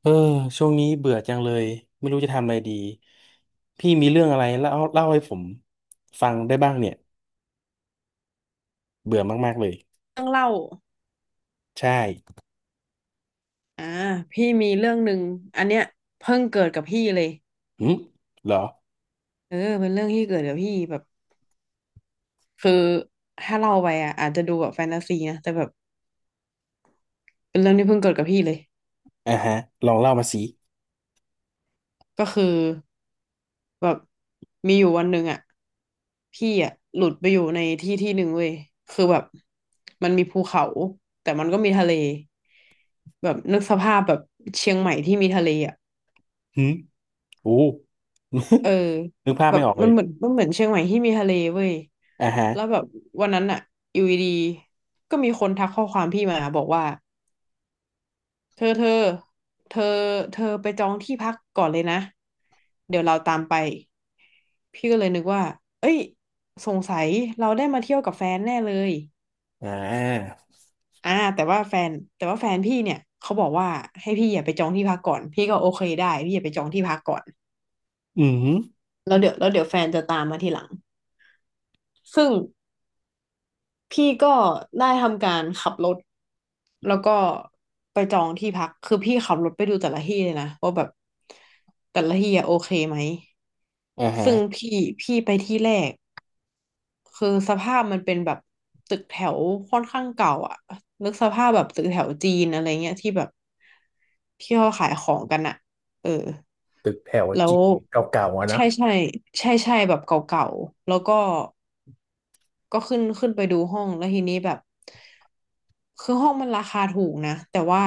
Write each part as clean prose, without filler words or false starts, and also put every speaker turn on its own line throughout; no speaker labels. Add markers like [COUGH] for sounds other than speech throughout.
เออช่วงนี้เบื่อจังเลยไม่รู้จะทำอะไรดีพี่มีเรื่องอะไรเล่าให้ผมฟังได้บ้างเนี่ยเบื่อมากๆเลย
เรื่องเล่า
ใช่
อ่าพี่มีเรื่องหนึ่งอันเนี้ยเพิ่งเกิดกับพี่เลย
หืมเหรอ
เป็นเรื่องที่เกิดกับพี่แบบคือถ้าเล่าไปอ่ะอาจจะดูแบบแฟนตาซีนะ แต่แบบเป็นเรื่องที่เพิ่งเกิดกับพี่เลย
อ่าฮะลองเล่ามาสิ
ก็คือแบบมีอยู่วันหนึ่งอ่ะ พี่อ่ะหลุดไปอยู่ในที่ที่หนึ่งเว้ยคือแบบมันมีภูเขาแต่มันก็มีทะเลแบบนึกสภาพแบบเชียงใหม่ที่มีทะเลอ่ะ
หืมโอ้ [LAUGHS]
เออ
นึกภาพ
แบ
ไม่
บ
ออกเล
มั
ย
นเหมือนมันเหมือนเชียงใหม่ที่มีทะเลเว้ย
อ่าฮะ
แล้วแบบวันนั้นอะอยู่ดีๆก็มีคนทักข้อความพี่มาบอกว่าเธอเธอเธอเธอไปจองที่พักก่อนเลยนะเดี๋ยวเราตามไปพี่ก็เลยนึกว่าเอ้ยสงสัยเราได้มาเที่ยวกับแฟนแน่เลย
อ่า
อ่าแต่ว่าแฟนแต่ว่าแฟนพี่เนี่ยเขาบอกว่าให้พี่อย่าไปจองที่พักก่อนพี่ก็โอเคได้พี่อย่าไปจองที่พักก่อน
อืม
แล้วเดี๋ยวแฟนจะตามมาทีหลังซึ่ง พี่ก็ได้ทำการขับรถแล้วก็ไปจองที่พักคือพี่ขับรถไปดูแต่ละที่เลยนะว่าแบบแต่ละที่อะโอเคไหม
อ่าฮะ
ซึ่งพี่ไปที่แรกคือสภาพมันเป็นแบบตึกแถวค่อนข้างเก่าอ่ะนึกสภาพแบบตึกแถวจีนอะไรเงี้ยที่แบบที่เขาขายของกันอะเออ
ตึกแถว
แล้
จี
ว
เก่าๆอะนะ
ใช่ใช่ใช่ใช่แบบเก่าๆแล้วก็ ก็ขึ้นไปดูห้องแล้วทีนี้แบบคือห้องมันราคาถูกนะแต่ว่า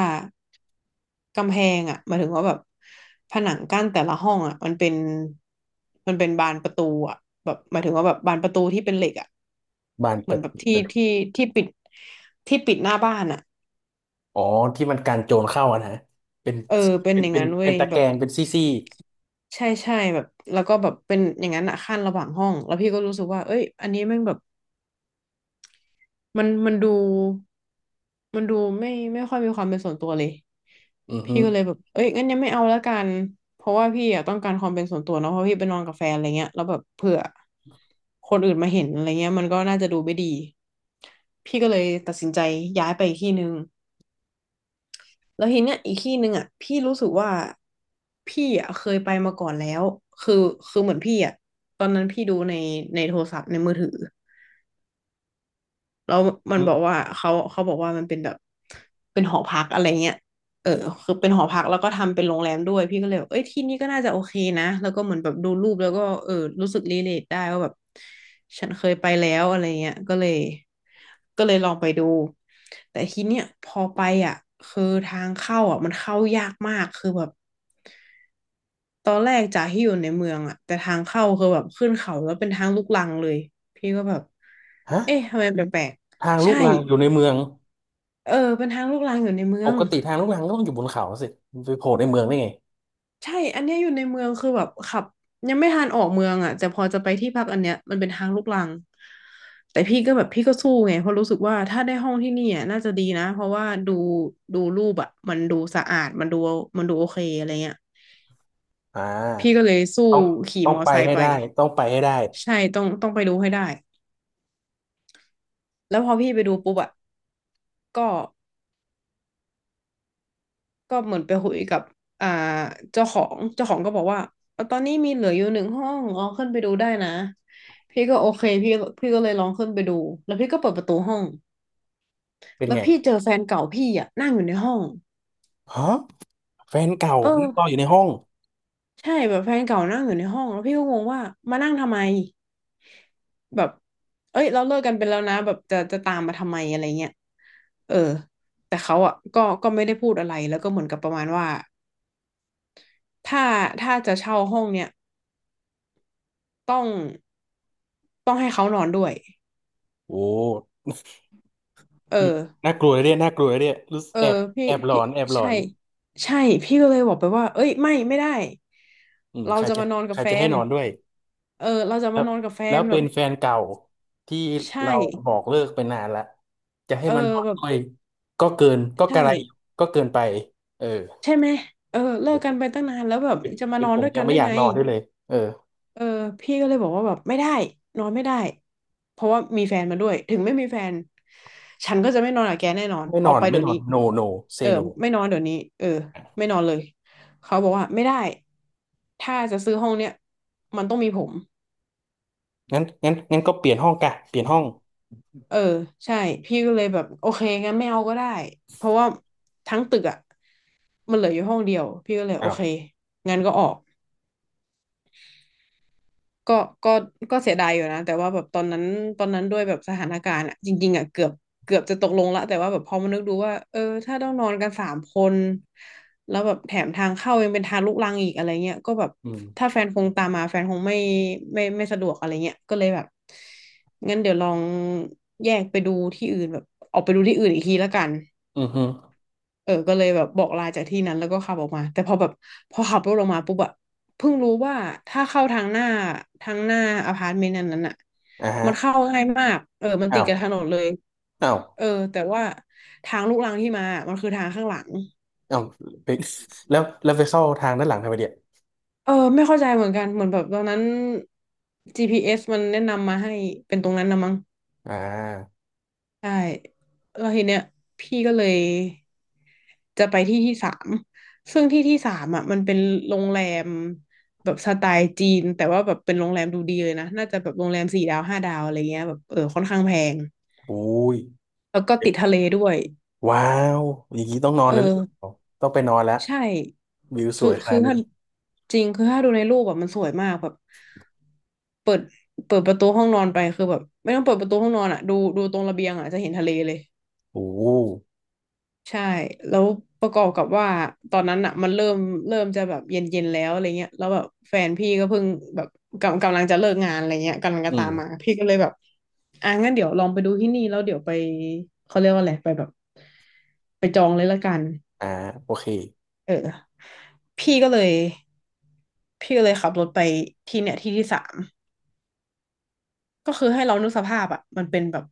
กำแพงอ่ะหมายถึงว่าแบบผนังกั้นแต่ละห้องอ่ะมันเป็นบานประตูอ่ะแบบหมายถึงว่าแบบบานประตูที่เป็นเหล็กอ่ะ
บ้าน
เห
ป
มือ
ระ
นแบ
ต
บที่
ู
ที่ที่ปิดที่ปิดหน้าบ้านอ่ะ
อ๋อที่มันกันโจรเข้าอะนะเป็น
เออเป็น
เป็น
อย่าง
เป็น
นั้นเว้
เป็น
ย
ตะ
แบ
แกร
บ
งเป็นซี่
ใช่ใช่แบบแล้วก็แบบเป็นอย่างนั้นอ่ะขั้นระหว่างห้องแล้วพี่ก็รู้สึกว่าเอ้ยอันนี้แม่งแบบ มันมันดูมันดูไม่ค่อยมีความเป็นส่วนตัวเลย
ๆอือฮึ
พี่ก็เลยแบบเอ้ยงั้นยังไม่เอาแล้วกันเพราะว่าพี่อะต้องการความเป็นส่วนตัวเนาะเพราะพี่ไปนอนกับแฟนอะไรเงี้ยแล้วแบบเผื่อคนอื่นมาเห็นอะไรเงี้ยมันก็น่าจะดูไม่ดีพี่ก็เลยตัดสินใจย้ายไปอีกที่หนึ่งแล้วทีเนี้ยอีกที่หนึ่งอ่ะพี่รู้สึกว่าพี่อ่ะเคยไปมาก่อนแล้วคือคือเหมือนพี่อ่ะตอนนั้นพี่ดูในโทรศัพท์ในมือถือ แล้วมัน
หื
บ
ม
อกว่าเขาบอกว่ามันเป็นแบบเป็นหอพักอะไรเงี้ยเออคือเป็นหอพักแล้วก็ทำเป็นโรงแรมด้วยพี่ก็เลยแบบเอ้ยที่นี่ก็น่าจะโอเคนะแล้วก็เหมือนแบบดูรูปแล้วก็เออรู้สึกรีเลทได้ว่าแบบฉันเคยไปแล้วอะไรเงี้ยก็เลยลองไปดูแต่ทีเนี้ยพอไปอ่ะคือทางเข้าอ่ะมันเข้ายากมากคือแบบ ตอนแรกจากที่อยู่ในเมืองอะแต่ทางเข้าคือแบบขึ้นเขาแล้วเป็นทางลูกรังเลยพี่ก็แบบ
ฮะ
เอ๊ะทำไมแปลก
ทาง
ๆ
ลู
ใช่
กรังอยู่ในเมือง
เออเป็นทางลูกรังอยู่ในเมื
ป
อง
กติทางลูกรังก็ต้องอยู่บนเขาสิมันไปโผล่ในเมืองได้ไง
ใช่อันเนี้ยอยู่ในเมืองคือแบบขับยังไม่ทันออกเมืองอะแต่พอจะไปที่พักอันเนี้ยมันเป็นทางลูกรังแต่พี่ก็แบบพี่ก็สู้ไงเพราะรู้สึกว่าถ้าได้ห้องที่นี่อะน่าจะดีนะเพราะว่าดูดูรูปอะมันดูสะอาดมันดูโอเคอะไรเงี้ย
อ่
พี่ก็
า
เลยสู้
ต้อง
ขี่
ต้อง
มอ
ไป
ไซ
ให้
ค์ไป
ได้ต้องไปให้ได้
ใช่ต้องไปดูให้ได้ แล้วพอพี่ไปดูปุ๊บอะก็ก็เหมือนไปคุยกับอ่าเจ้าของก็บอกว่าเอาตอนนี้มีเหลืออยู่หนึ่งห้องลองขึ้นไปดูได้นะพี่ก็โอเคพี่ก็เลยลองขึ้นไปดูแล้วพี่ก็เปิดประตูห้อง
เป็น
แล้ว
ไง
พี่เจอแฟนเก่าพี่อะนั่งอยู่ในห้อง
ฮะแฟนเก่า
เอ
นั่
อ
งรออยู่ในห้อง
ใช่แบบแฟนเก่านั่งอยู่ในห้องแล้วพี่ก็งงว่ามานั่งทำไมแบบเอ้ยเราเลิกกันไปแล้วนะแบบจะตามมาทำไมอะไรเงี้ยเออแต่เขาอ่ะก็ไม่ได้พูดอะไรแล้วก็เหมือนกับประมาณว่าถ้าถ้าจะเช่าห้องเนี่ย ต้องต้องให้เขานอนด้วย
โอ้
เอ
รู้
อ
น่ากลัวเลยเนี่ยน่ากลัวเลยเนี่ยรู้สึก
เออ
แอบ
พี่
แอบหลอ
พี่
นแอบหลอ
ใช่
น
ใช่พี่ก็เลยบอกไปว่าเอ้ยไม่ได้
อืม
เรา
ใคร
จะ
จะ
มานอน
ใค
กับ
ร
แฟ
จะให้
น
นอนด้วย
เออเราจะ
ครั
มา
บ
นอนกับแฟ
แล้
น
ว
แบ
เป็
บ
นแฟนเก่าที่
ใช่
เราบอกเลิกไปนานละจะให้
เออ
มันนอน
แบบ
ด้วยก็เกินก็ก
ใช่
ระไรอยู่ก็เกินไปเออ
ใช่ไหมเออเลิกกันไปตั้งนานแล้วแบบ
เป็น
จะมา
เป็
น
น
อน
ผม
ด้วย
ยั
กั
ง
น
ไม่
ได้
อยาก
ไง
นอนด้วยเลยเออ
เออพี่ก็เลยบอกว่าแบบไม่ได้นอนไม่ได้เพราะว่ามีแฟนมาด้วยถึงไม่มีแฟนฉันก็จะไม่นอนกับแกแน่นอน
ไม่
อ
น
อ
อ
ก
น
ไป
ไม่
เดี๋ย
น
ว
อ
นี้
น no no
เอ
say
อ
no
ไม่นอนเดี๋ยวนี้เออไม่นอนเลยเขาบอกว่าไม่ได้ถ้าจะซื้อห้องเนี้ยมันต้องมีผม
งั้นก็เปลี่ยนห้องกะเปลี่ยนห้อง
เออใช่พี่ก็เลยแบบโอเคงั้นไม่เอาก็ได้เพราะว่าทั้งตึกอ่ะมันเหลืออยู่ห้องเดียวพี่ก็เลยโอ
อ้าว
เคงั้นก็ออก ก็ก็ก็เสียดายอยู่นะแต่ว่าแบบตอนนั้น ตอนนั้นด้วยแบบสถานการณ์อะจริงๆอะเกือบจะตกลงละ แต่ว่าแบบพอมานึกดูว่าเออถ้าต้องนอนกันสามคน แล้วแบบแถมทางเข้ายังเป็นทางลุกรังอีกอะไรเงี้ยก็แบบ
อืม
ถ้าแฟนคงตามมาแฟนคงไม่สะดวกอะไรเงี้ยก็เลยแบบงั้นเดี๋ยวลองแยกไปดูที่อื่นแบบออกไปดูที่อื่นอีกทีละกัน
อือฮึ
เออก็เลยแบบบอกลาจากที่นั้นแล้วก็ขับออกมาแต่พอแบบพอขับรถออกมาปุ๊บอะเพิ่งรู้ว่าถ้าเข้าทางหน้าทางหน้าอพาร์ตเมนต์นั้นน่ะ
อ่าฮะ
มันเข้าง่ายมากเออมันติ
อ้า
ด
ว
กับถนนเลย
อ้าว
เออแต่ว่าทางลูกรังที่มามันคือทางข้างหลัง
อ้าวไปแล้วแล้วไปเข้าทางด้านหลังทำไมเดีย
เออไม่เข้าใจเหมือนกันเหมือนแบบตอนนั้น GPS มันแนะนำมาให้เป็นตรงนั้นนะมั้ง
อ่า
ใช่แล้วทีเนี้ยพี่ก็เลยจะไปที่ที่สามซึ่งที่ที่สามอ่ะมันเป็นโรงแรมแบบสไตล์จีนแต่ว่าแบบเป็นโรงแรมดูดีเลยนะน่าจะแบบโรงแรมสี่ดาวห้าดาวอะไรเงี้ยแบบเออค่อนข้างแพง
อุ้ย
แล้วก็ติดทะเลด้วย
ว้าวอย่างนี้ต้องนอน
เอ
แล้วหรือ
อ
เปล่าต้องไปนอนแล้ว
ใช่
วิวส
คือ
วยข
คื
นา
อ
ดนี้
ถ้าจริงคือถ้าดูในรูปแบบมันสวยมากแบบเปิดเปิดประตูห้องนอนไปคือแบบไม่ต้องเปิดประตูห้องนอนอ่ะดูตรงระเบียงอ่ะจะเห็นทะเลเลย
โอ้
ใช่ แล้วประกอบกับว่าตอนนั้นอ่ะมันเริ่มจะแบบเย็นเย็นแล้วอะไรเงี้ยแล้วแบบแฟนพี่ก็เพิ่งแบบกำลังจะเลิกงานอะไรเงี้ยกำลังจะ
อื
ตามมา
ม
พี่ก็เลยแบบอ่ะงั้นเดี๋ยวลองไปดูที่นี่แล้วเดี๋ยวไปเขาเรียกว่าอะไรไปแบบไปจองเลยละกัน
อ่าโอเค
เออพี่ก็เลยพี่ก็เลยขับรถไปที่เนี่ยที่ที่สามก็คือให้เรานึกสภาพอ่ะมันเป็นแบบ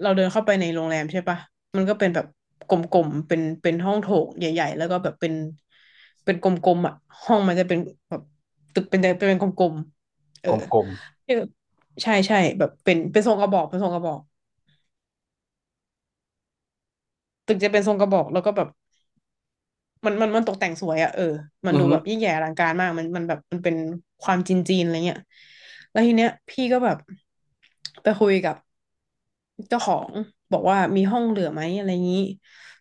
เราเดินเข้าไปในโรงแรมใช่ปะมันก็เป็นแบบกลมๆเป็น เป็นห้องโถงใหญ่ๆแล้วก็แบบเป็นกลมๆอ่ะห้องมันจะเป็นแบบตึกเป็นเป็นกลมๆเอ
ก
อ
ลม
เออใช่แบบเป็นทรงกระบอกเป็นทรงกระบอกตึกจะเป็นทรงกระบอกแล้วก็แบบ มันตกแต่งสวยอะเออ
ๆ
มั
อื
น
อ
ดู
ฮึ
แบบยิ่งใหญ่อลังการมากมันแบบมันเป็นความจีนจีนอะไรเงี้ยแล้วทีเนี้ยพี่ก็แบบไปคุยกับเจ้าของบอกว่ามีห้องเหลือไหมอะไรงี้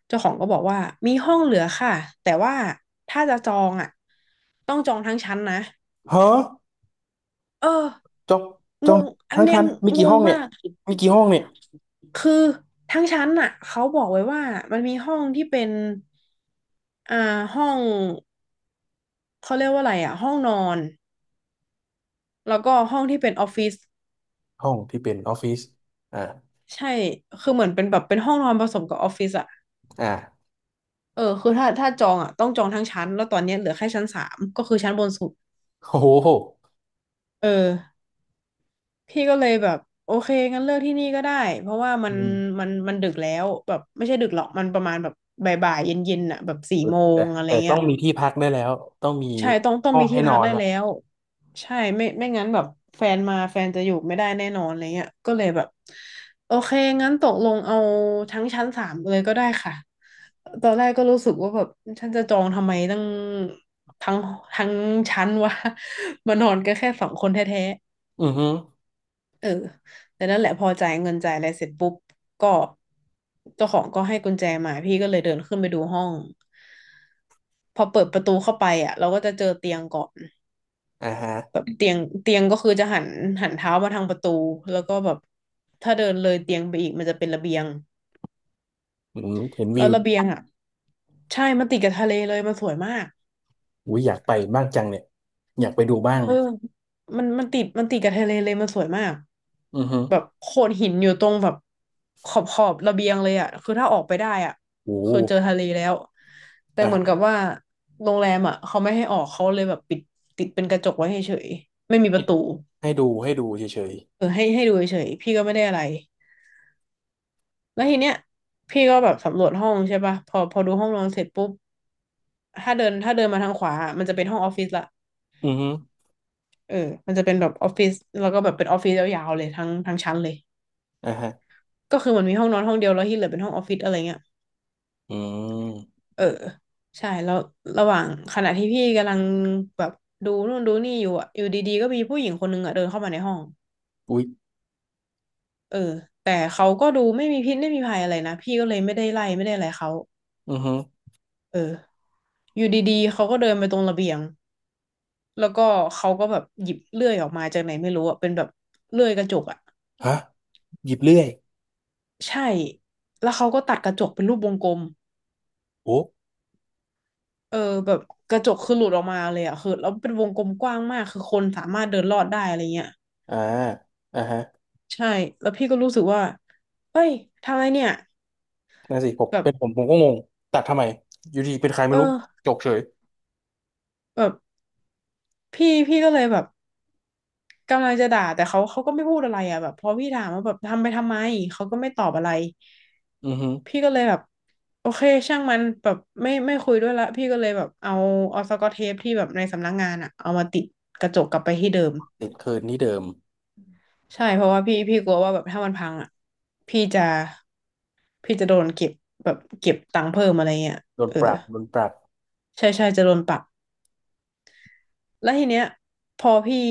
เจ้าของก็บอกว่ามีห้องเหลือค่ะแต่ว่าถ้าจะจองอะต้องจองทั้งชั้นนะ
เฮ้อ
เออ
จองจ
ง
อง
งอัน
ทั้ง
เนี้ย
คันมี
ง
กี่
ง
ห้องเนี่
มา
ย
ก
มีกี่ห้องเนี่ย
คือทั้งชั้นน่ะเขาบอกไว้ว่ามันมีห้องที่เป็นอ่าห้อง เขาเรียกว่าอะไรอ่ะห้องนอนแล้วก็ห้องที่เป็นออฟฟิศ
ห้องที่เป็นออฟฟิศอ่า
ใช่คือเหมือนเป็นแบบเป็นห้องนอนผสมกับออฟฟิศอ่ะ
อ่า
เออคือถ้าจองอ่ะต้องจองทั้งชั้นแล้วตอนเนี้ยเหลือแค่ชั้นสามก็คือชั้นบนสุด
โอ้โห
เออพี่ก็เลยแบบโอเคงั้นเลือกที่นี่ก็ได้เพราะว่ามั
อื
น
ม
มันดึกแล้วแบบไม่ใช่ดึกหรอกมันประมาณแบบบ่ายๆเย็นๆอ่ะแบบสี่โม
แต่
งอะไร
แต่ต้
เงี้
อ
ย
งมีที่พักได้แล้วต้องมี
ใช่ต้อง
ห้อ
มี
งให้
ที่
น
พั
อ
ก
น
ได้
ละ
แล้วใช่ไม่ไม่งั้นแบบแฟนมาแฟนจะอยู่ไม่ได้แน่นอนอะไรเงี้ยก็เลยแบบโอเคงั้นตกลงเอาทั้งชั้นสามเลยก็ได้ค่ะตอนแรกก็รู้สึกว่าแบบฉันจะจองทำไมตั้งทั้งทั้งชั้นวะ [LAUGHS] มานอนกันแค่สองคนแท้
อือฮึ
ๆแต่นั่นแหละพอจ่ายเงินจ่ายอะไรเสร็จปุ๊บก็เจ้าของก็ให้กุญแจมาพี่ก็เลยเดินขึ้นไปดูห้องพอเปิดประตูเข้าไปอ่ะเราก็จะเจอเตียงก่อน
อ่าฮะ
แบบเตียงก็คือจะหันเท้ามาทางประตูแล้วก็แบบถ้าเดินเลยเตียงไปอีกมันจะเป็นระเบียง
อืมเห็น
แล้
วิ
ว
ว
ระเบียงอ่ะใช่มันติดกับทะเลเลยมันสวยมาก
อุ้ยอยากไปบ้างจังเนี่ยอยากไปดูบ้าง
เออมันติดกับทะเลเลยมันสวยมาก
อือฮึ
แบบโขดหินอยู่ตรงแบบขอบระเบียงเลยอ่ะคือถ้าออกไปได้อ่ะ
โอ้โห
คือเจอทะเลแล้วแต่
อ่า
เหมือนกับ
ฮะ
ว่าโรงแรมอ่ะเขาไม่ให้ออกเขาเลยแบบปิดติดเป็นกระจกไว้เฉยๆไม่มีป
ให้
ระตู
ให้ดูเฉย
เออให้ดูเฉยๆพี่ก็ไม่ได้อะไร แล้วทีเนี้ยพี่ก็แบบสำรวจห้องใช่ป่ะพอดูห้องนอนเสร็จปุ๊บถ้าเดินมาทางขวาอะมันจะเป็นห้องออฟฟิศละ
ๆอือฮึ
เออมันจะเป็นแบบออฟฟิศแล้วก็แบบเป็นออฟฟิศยาวๆเลยทั้งชั้นเลย
อ่าฮะ
ก็คือมันมีห้องนอนห้องเดียวแล้วที่เหลือเป็นห้องออฟฟิศอะไรเงี้ย
อืม
เออใช่แล้วระหว่างขณะที่พี่กำลังแบบดูนู่นดูนี่อยู่อะอยู่ดีๆก็มีผู้หญิงคนนึงอะเดินเข้ามาในห้อง
อุ้ย
เออแต่เขาก็ดูไม่มีพิษไม่มีภัยอะไรนะพี่ก็เลยไม่ได้ไล่ไม่ได้อะไรเขา
อือฮึ
เอออยู่ดีๆเขาก็เดินไปตรงระเบียง แล้วก็เขาก็แบบหยิบเลื่อยออกมาจากไหนไม่รู้อะเป็นแบบเลื่อยกระจกอะ
ฮะหยิบเลื่อย
ใช่แล้วเขาก็ตัดกระจกเป็นรูปวงกลม
โอ้
เออแบบกระจกคือหลุดออกมาเลยอะคือแล้วเป็นวงกลมกว้างมากคือคนสามารถเดินลอดได้อะไรเงี้ย
อ่าอ่าฮะ
ใช่แล้วพี่ก็รู้สึกว่าเฮ้ยทำอะไรเนี่ย
นั่นสิผม
แบบ
เป็นผมผมก็งงตัดทำไมอยู่ดีเป็นใครไม่
เอ
รู้
อ
จกเฉย
แบบพี่ก็เลยแบบ กำลังจะด่าแต่เขาก็ไม่พูดอะไรอ่ะแบบพอพี่ถามว่าแบบทำไปทำไมเขาก็ไม่ตอบอะไร
อือฮึ
พี่ก็เลยแบบโอเคช่างมันแบบไม่คุยด้วยละพี่ก็เลยแบบเอาสกอตเทปที่แบบในสำนักงานอ่ะเอามาติดกระจกกลับไปที่เดิม
ติดคืนที่เดิม
ใช่เพราะว่าพี่กลัวว่าแบบถ้ามันพังอ่ะพี่จะโดนเก็บแบบเก็บตังค์เพิ่มอะไรเงี้ย
โดน
เออ
ปรับโดนปรับ
ใช่จะโดนปรับ แล้วทีเนี้ยพอพี่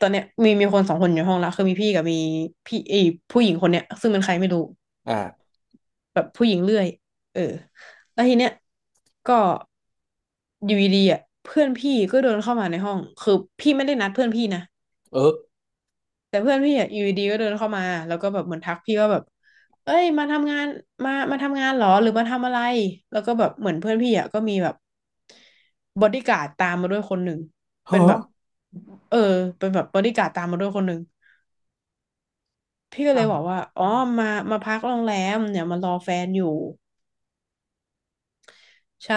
ตอนเนี้ยมีคนสองคนอยู่ห้องละคือมีพี่กับมีพี่ไอผู้หญิงคนเนี้ยซึ่งเป็นใครไม่รู้
อ่า
แบบผู้หญิงเรื่อยเออแล้วทีเนี้ยก็อยู่ดีๆอ่ะเพื่อนพี่ก็เดินเข้ามาในห้องคือพี่ไม่ได้นัดเพื่อนพี่นะ
เออ
แต่เพื่อนพี่อ่ะอยู่ดีๆก็เดินเข้ามาแล้วก็แบบเหมือนทักพี่ว่าแบบเอ้ยมาทำงานมาทำงานเหรอหรือมาทำอะไรแล้วก็แบบเหมือนเพื่อนพี่อ่ะก็มีแบบบอดี้การ์ดตามมาด้วยคนหนึ่งเป็นแบบ
ฮะ
เออเป็นแบบบอดี้การ์ดตามมาด้วยคนหนึ่งพี่ก็เลยบ
อ่ะ
อกว่าอ๋อมาพักโรงแรมเนี่ยมารอแฟนอยู่ใช่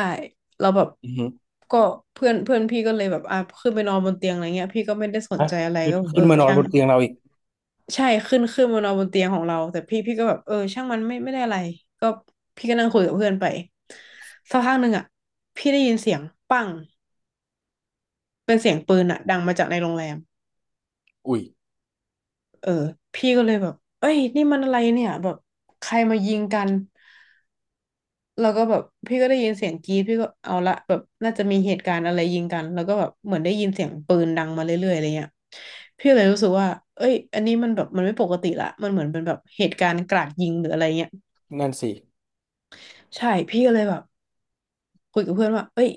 แล้วแบบ
อือฮึ
ก็เพื่อนเพื่อนพี่ก็เลยแบบอ่ะขึ้นไปนอนบนเตียงอะไรเงี้ยพี่ก็ไม่ได้สน
ฮะ
ใจอะไร
ขึ้น
ก็แบบ
ขึ้
เอ
น
อ
มานอน
ช่า
บ
ง
นเตียงเราอีก
ใช่ขึ้นมานอนบนเตียงของเราแต่พี่ก็แบบเออช่างมันไม่ได้อะไรก็พี่ก็นั่งคุยกับเพื่อนไปสักพักหนึ่งอ่ะพี่ได้ยินเสียงปังเป็นเสียงปืนอ่ะดังมาจากในโรงแรม
อุ้ย
เออพี่ก็เลยแบบเอ้ยนี่มันอะไรเนี่ยแบบใครมายิงกันแล้วก็แบบพี่ก็ได้ยินเสียงกรี๊ดพี่ก็เอาละแบบน่าจะมีเหตุการณ์อะไรยิงกันแล้วก็แบบเหมือนได้ยินเสียงปืนดังมาเรื่อยๆอะไรเงี้ยพี่เลยรู้สึกว่าเอ้ยอันนี้มันแบบมันไม่ปกติละมันเหมือนเป็นแบบเหตุการณ์กราดยิงหรืออะไรเงี้ย
นั่นสิ
ใช่พี่ก็เลยแบบคุยกับเพื่อนว่าเอ้ย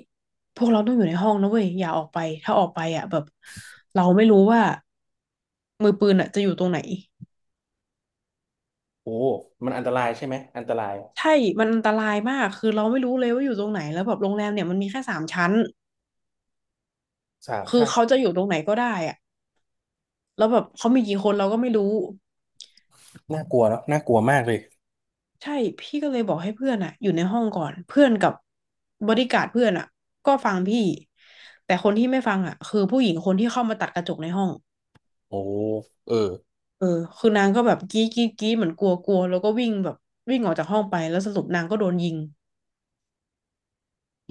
พวกเราต้องอยู่ในห้องนะเว้ยอย่าออกไปถ้าออกไปอ่ะแบบเราไม่รู้ว่ามือปืนอ่ะจะอยู่ตรงไหน
โอ้มันอันตรายใช่ไหมอันตราย
ใช่มันอันตรายมากคือเราไม่รู้เลยว่าอยู่ตรงไหนแล้วแบบโรงแรมเนี่ยมันมีแค่สามชั้น
สาม
คือ
ชาติ
เขาจะอยู่ตรงไหนก็ได้อ่ะแล้วแบบเขามีกี่คนเราก็ไม่รู้
น่ากลัวเนาะน่ากลัวมากเลย
ใช่พี่ก็เลยบอกให้เพื่อนอ่ะอยู่ในห้องก่อนเพื่อนกับบอดี้การ์ดเพื่อนอ่ะก็ฟังพี่แต่คนที่ไม่ฟังอ่ะคือผู้หญิงคนที่เข้ามาตัดกระจกในห้อง
โอ้เออ
เออคือนางก็แบบกรี้กรี้กรี้เหมือนกลัวกลัวแล้วก็วิ่งแบบวิ่งออกจากห้องไปแล้วสรุปนางก็โดนยิง